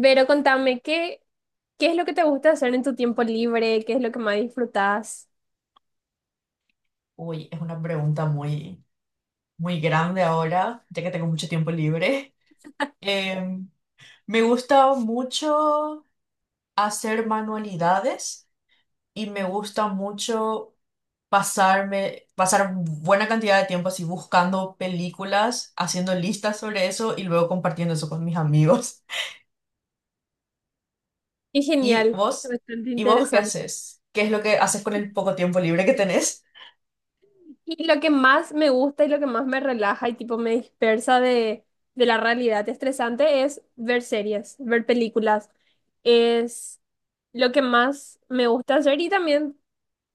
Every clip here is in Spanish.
Pero contame, ¿qué es lo que te gusta hacer en tu tiempo libre? ¿Qué es lo que más disfrutas? Uy, es una pregunta muy, muy grande ahora, ya que tengo mucho tiempo libre. Em, Me gusta mucho hacer manualidades y me gusta mucho pasar buena cantidad de tiempo así buscando películas, haciendo listas sobre eso y luego compartiendo eso con mis amigos. Qué ¿Y genial, vos? bastante ¿Y vos qué interesante. haces? ¿Qué es lo que haces con el poco tiempo libre que tenés? Y lo que más me gusta y lo que más me relaja y tipo me dispersa de la realidad estresante es ver series, ver películas. Es lo que más me gusta hacer y también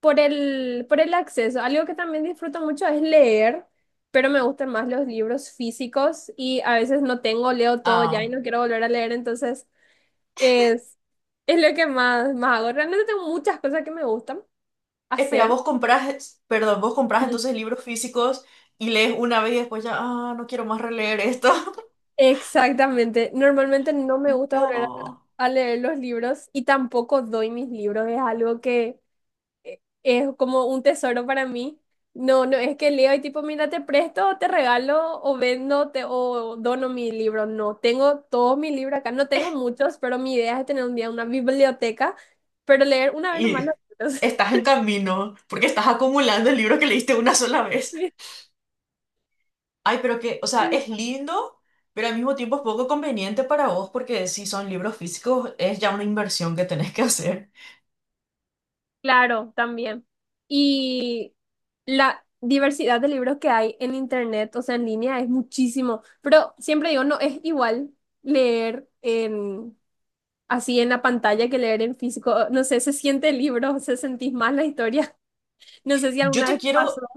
por el acceso. Algo que también disfruto mucho es leer, pero me gustan más los libros físicos y a veces no tengo, leo todo ya y Ah, no quiero volver a leer, entonces. Es, es lo que más, más hago. Realmente tengo muchas cosas que me gustan espera, hacer. vos comprás, perdón, vos comprás Mm. entonces libros físicos y lees una vez y después ya, no quiero más releer esto. Exactamente. Normalmente no me gusta volver No. a leer los libros y tampoco doy mis libros. Es algo que es como un tesoro para mí. No, no es que leo y tipo, mira, te presto, te regalo o vendo te, o dono mi libro. No, tengo todos mis libros acá. No tengo muchos, pero mi idea es tener un día una biblioteca, pero leer una vez nomás Y los libros. estás en camino porque estás acumulando el libro que leíste una sola vez. Ay, pero que, o sea, Sí. es lindo, pero al mismo tiempo es poco conveniente para vos porque si son libros físicos es ya una inversión que tenés que hacer. Claro, también. Y la diversidad de libros que hay en internet, o sea, en línea, es muchísimo. Pero siempre digo, no es igual leer en así en la pantalla que leer en físico. No sé, se siente el libro, se sentís más la historia. No sé si Yo alguna te vez pasó. quiero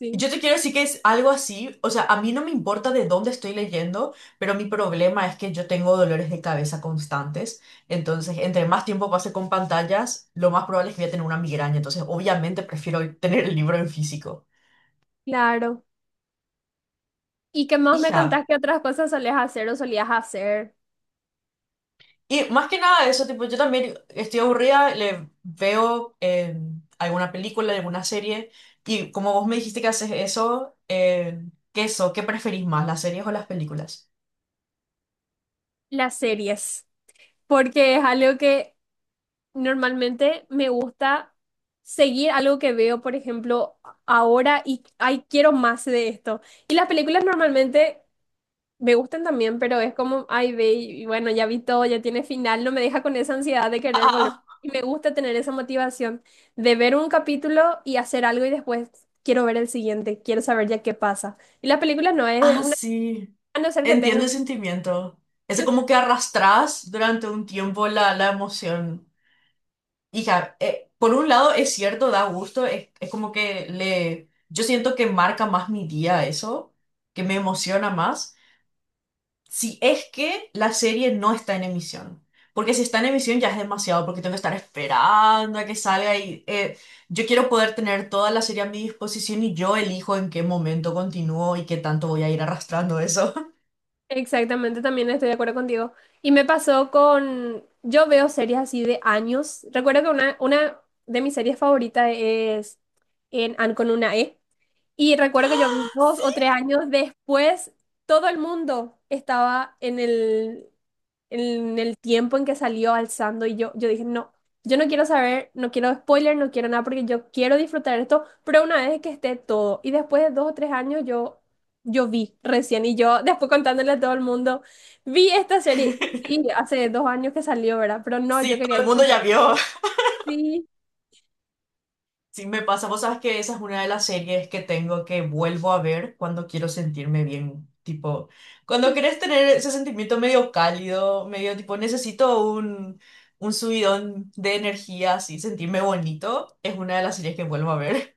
Sí, Yo te quiero decir que es algo así, o sea, a mí no me importa de dónde estoy leyendo, pero mi problema es que yo tengo dolores de cabeza constantes, entonces entre más tiempo pase con pantallas, lo más probable es que voy a tener una migraña, entonces obviamente prefiero tener el libro en físico. claro. ¿Y qué más me contás Hija, que otras cosas solías hacer o solías hacer? y más que nada eso, tipo, yo también estoy aburrida, le veo alguna película, alguna serie, y como vos me dijiste que haces eso, ¿qué eso? ¿Qué preferís más, las series o las películas? Las series. Porque es algo que. Normalmente me gusta seguir algo que veo, por ejemplo, ahora y ay, quiero más de esto. Y las películas normalmente me gustan también, pero es como, ay, ve, y bueno, ya vi todo, ya tiene final, no me deja con esa ansiedad de Ah, querer volver. ah, Y me gusta tener esa motivación de ver un capítulo y hacer algo y después quiero ver el siguiente, quiero saber ya qué pasa. Y las películas no es ah, una, sí. a no ser que Entiendo tenga. el sentimiento. Es como que arrastras durante un tiempo la emoción. Hija, por un lado es cierto, da gusto, es como que le... Yo siento que marca más mi día eso, que me emociona más. Si es que la serie no está en emisión. Porque si está en emisión ya es demasiado, porque tengo que estar esperando a que salga y yo quiero poder tener toda la serie a mi disposición y yo elijo en qué momento continúo y qué tanto voy a ir arrastrando eso. Exactamente, también estoy de acuerdo contigo. Y me pasó con, yo veo series así de años. Recuerdo que una de mis series favoritas es en An con una E. Y recuerdo que yo vi 2 o 3 años después, todo el mundo estaba en el tiempo en que salió alzando y yo dije, no, yo no quiero saber, no quiero spoiler, no quiero nada porque yo quiero disfrutar esto, pero una vez que esté todo. Y después de 2 o 3 años yo vi recién y yo después contándole a todo el mundo, vi esta serie, sí, hace 2 años que salió, ¿verdad? Pero no, yo Sí, quería todo el mundo disfrutar. ya vio. Sí, Sí, me pasa, vos sabes que esa es una de las series que tengo que vuelvo a ver cuando quiero sentirme bien. Tipo, cuando sí. querés tener ese sentimiento medio cálido, medio tipo, necesito un subidón de energía, así, sentirme bonito, es una de las series que vuelvo a ver.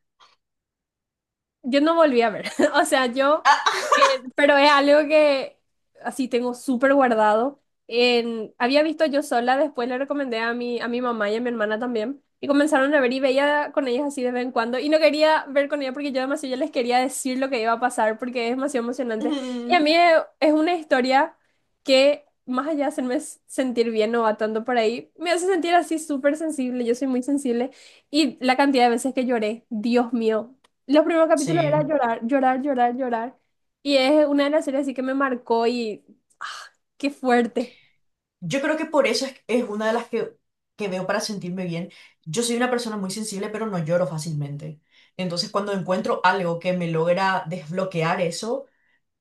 Yo no volví a ver, o sea, Ah, pero es algo que así tengo súper guardado. Había visto yo sola, después le recomendé a mi mamá y a mi hermana también, y comenzaron a ver y veía con ellas así de vez en cuando, y no quería ver con ellas porque yo demasiado ya les quería decir lo que iba a pasar porque es demasiado ah, emocionante. Y a mm, mí es una historia que, más allá de hacerme sentir bien o va tanto por ahí, me hace sentir así súper sensible, yo soy muy sensible, y la cantidad de veces que lloré, Dios mío. Los primeros capítulos era sí, llorar, llorar, llorar, llorar. Y es una de las series así que me marcó y. ¡Ah, qué fuerte! yo creo que por eso es una de las que veo para sentirme bien. Yo soy una persona muy sensible, pero no lloro fácilmente. Entonces, cuando encuentro algo que me logra desbloquear eso,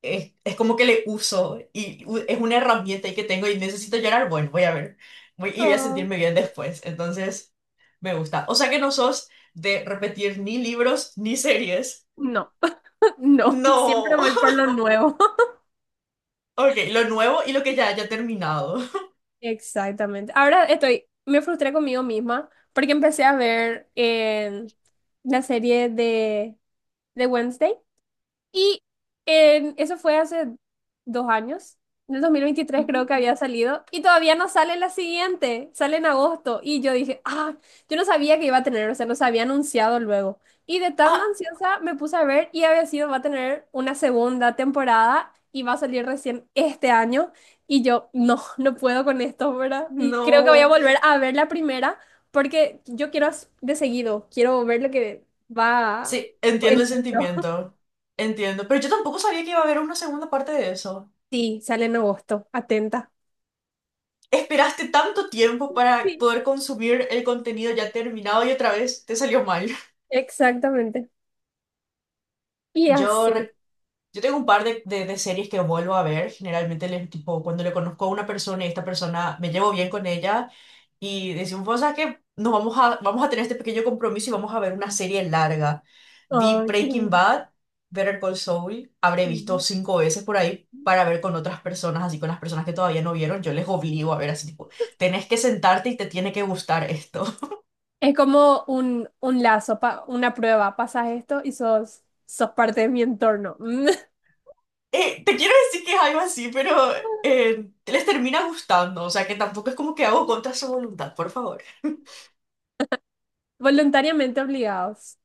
es como que le uso y es una herramienta y que tengo y necesito llorar, bueno, voy a ver y voy a Oh, sentirme bien después. Entonces, me gusta. O sea que no sos de repetir ni libros ni series. no, no, siempre No. voy por lo nuevo. Ok, lo nuevo y lo que ya haya terminado. Exactamente. Ahora estoy, me frustré conmigo misma porque empecé a ver la serie de Wednesday. Y eso fue hace 2 años. En el dos mil veintitrés creo Ujú. que había salido. Y todavía no sale la siguiente. Sale en agosto. Y yo dije, ah, yo no sabía que iba a tener. O sea, no se había anunciado luego. Y de tan Ah, ansiosa me puse a ver y había sido, va a tener una segunda temporada y va a salir recién este año. Y yo, no, no puedo con esto, ¿verdad? Y creo que voy a no. volver a ver la primera porque yo quiero de seguido, quiero ver lo que va Sí, entiendo en el hilo. sentimiento. Entiendo. Pero yo tampoco sabía que iba a haber una segunda parte de eso. Sí, sale en agosto. Atenta. Esperaste tanto tiempo para Sí. poder consumir el contenido ya terminado y otra vez te salió mal. Exactamente. Y Yo así. Yo tengo un par de series que vuelvo a ver. Generalmente, les, tipo, cuando le conozco a una persona y esta persona me llevo bien con ella y decimos, o sea, que nos vamos a, vamos a tener este pequeño compromiso y vamos a ver una serie larga. Vi Ay, qué Breaking lindo. Bad, Better Call Saul, habré visto Ujú. cinco veces por ahí para ver con otras personas, así con las personas que todavía no vieron, yo les obligo a ver así, tipo, tenés que sentarte y te tiene que gustar esto. Es como un lazo, una prueba. Pasas esto y sos parte de mi entorno. Te quiero decir que es algo así, pero les termina gustando, o sea que tampoco es como que hago contra su voluntad, por favor. Voluntariamente obligados.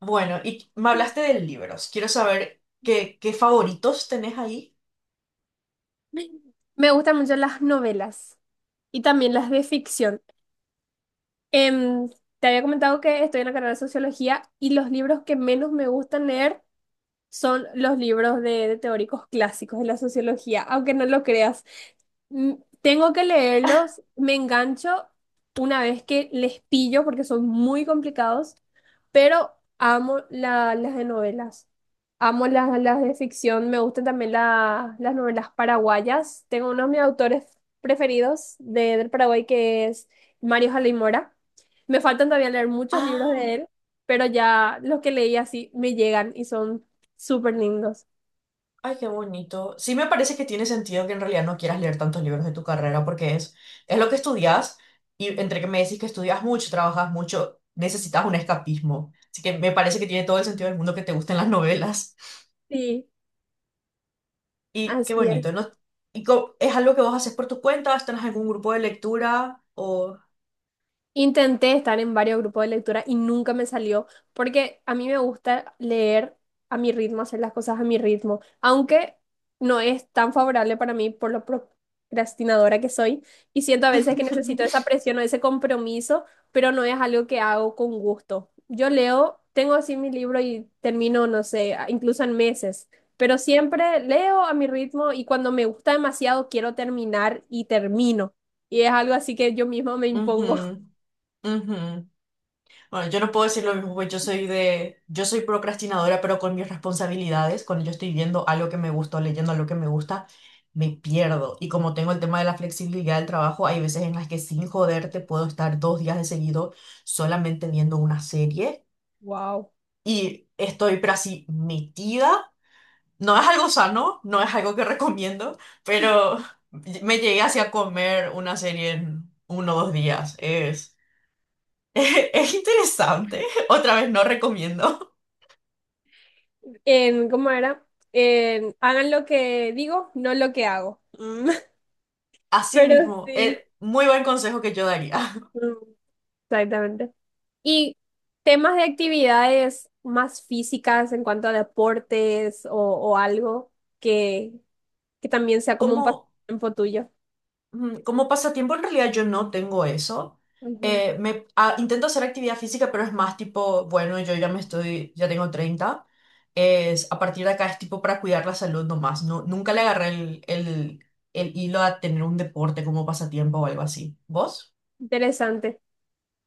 Bueno, y me hablaste de libros, quiero saber qué favoritos tenés ahí. Me gustan mucho las novelas y también las de ficción. Em, Te había comentado que estoy en la carrera de sociología y los libros que menos me gustan leer son los libros de teóricos clásicos de la sociología, aunque no lo creas. Mm, Tengo que leerlos, me engancho una vez que les pillo porque son muy complicados, pero amo las de novelas, amo las de ficción, me gustan también las novelas paraguayas. Tengo uno de mis autores preferidos del Paraguay que es Mario Jalay Mora. Me faltan todavía leer muchos libros Ah, de él, pero ya los que leí así me llegan y son súper lindos. ay, qué bonito. Sí me parece que tiene sentido que en realidad no quieras leer tantos libros de tu carrera porque es lo que estudias y entre que me decís que estudias mucho, trabajas mucho, necesitas un escapismo. Así que me parece que tiene todo el sentido del mundo que te gusten las novelas. Sí, Y qué así bonito, es. ¿no? ¿Y co- es algo que vos haces por tu cuenta? ¿Estás en algún grupo de lectura? O... Intenté estar en varios grupos de lectura y nunca me salió, porque a mí me gusta leer a mi ritmo, hacer las cosas a mi ritmo, aunque no es tan favorable para mí por lo procrastinadora que soy y siento a veces que necesito esa presión o ese compromiso, pero no es algo que hago con gusto. Yo leo, tengo así mi libro y termino, no sé, incluso en meses, pero siempre leo a mi ritmo y cuando me gusta demasiado quiero terminar y termino. Y es algo así que yo mismo me Ujú, impongo. ujú. Bueno, yo no puedo decir lo mismo, pues yo soy yo soy procrastinadora, pero con mis responsabilidades, cuando yo estoy viendo algo que me gusta o leyendo algo que me gusta, me pierdo. Y como tengo el tema de la flexibilidad del trabajo, hay veces en las que sin joderte puedo estar 2 días de seguido solamente viendo una serie Wow. y estoy, pero así, metida. No es algo sano, no es algo que recomiendo, pero me llegué hacia comer una serie en 1 o 2 días. Es, es, interesante. Otra vez no recomiendo. ¿Cómo era? Hagan lo que digo, no lo que hago. Mm. Así Pero mismo, sí. Muy buen consejo que yo daría. Mm. Exactamente. Y temas de actividades más físicas en cuanto a deportes o algo que, que también sea como un Como pasatiempo tuyo. Como pasatiempo, en realidad yo no tengo eso. Ujú. Intento hacer actividad física, pero es más tipo, bueno, yo ya tengo 30. A partir de acá es tipo para cuidar la salud nomás. No, nunca le Mm, agarré el hilo a tener un deporte como pasatiempo o algo así. ¿Vos? Interesante.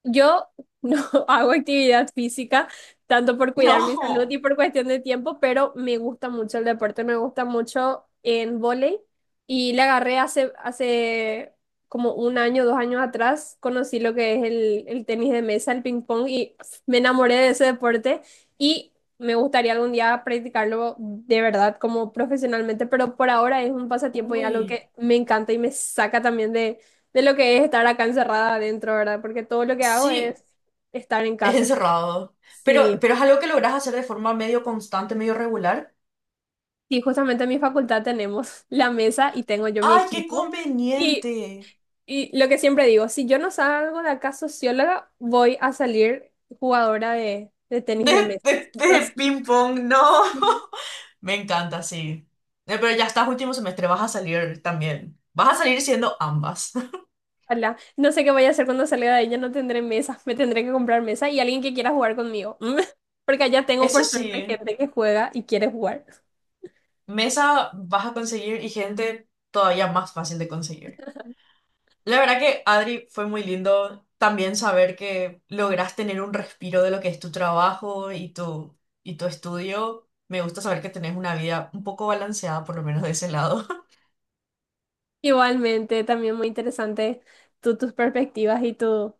Yo no hago actividad física, tanto por cuidar mi salud y No. por cuestión de tiempo, pero me gusta mucho el deporte, me gusta mucho en vóley y le agarré hace como un año, 2 años atrás, conocí lo que es el tenis de mesa, el ping pong y me enamoré de ese deporte y me gustaría algún día practicarlo de verdad como profesionalmente, pero por ahora es un pasatiempo y algo Uy. que me encanta y me saca también de lo que es estar acá encerrada adentro, ¿verdad? Porque todo lo que hago Sí, es estar en es casa. encerrado. Pero, Sí, pero es algo que logras hacer de forma medio constante, medio regular. sí, justamente en mi facultad tenemos la mesa y tengo yo mi ¡Ay, qué equipo. Y, conveniente! y lo que siempre digo, si yo no salgo de acá socióloga, voy a salir jugadora de tenis De, de mesa. de, No de sé, ping pong, no. sí, Me encanta, sí. Pero ya estás último semestre, vas a salir también. Vas a salir siendo ambas. ojalá. No sé qué voy a hacer cuando salga de ella, no tendré mesa, me tendré que comprar mesa y alguien que quiera jugar conmigo. Porque allá tengo Eso por suerte sí, gente que juega y quiere jugar. mesa vas a conseguir y gente todavía más fácil de conseguir. La verdad que, Adri, fue muy lindo también saber que lográs tener un respiro de lo que es tu trabajo y tu estudio. Me gusta saber que tenés una vida un poco balanceada, por lo menos de ese lado. Igualmente, también muy interesante tus perspectivas y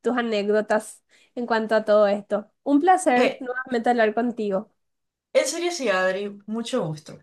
tus anécdotas en cuanto a todo esto. Un placer Eh, nuevamente hablar contigo. en serio, sí, Adri, mucho gusto.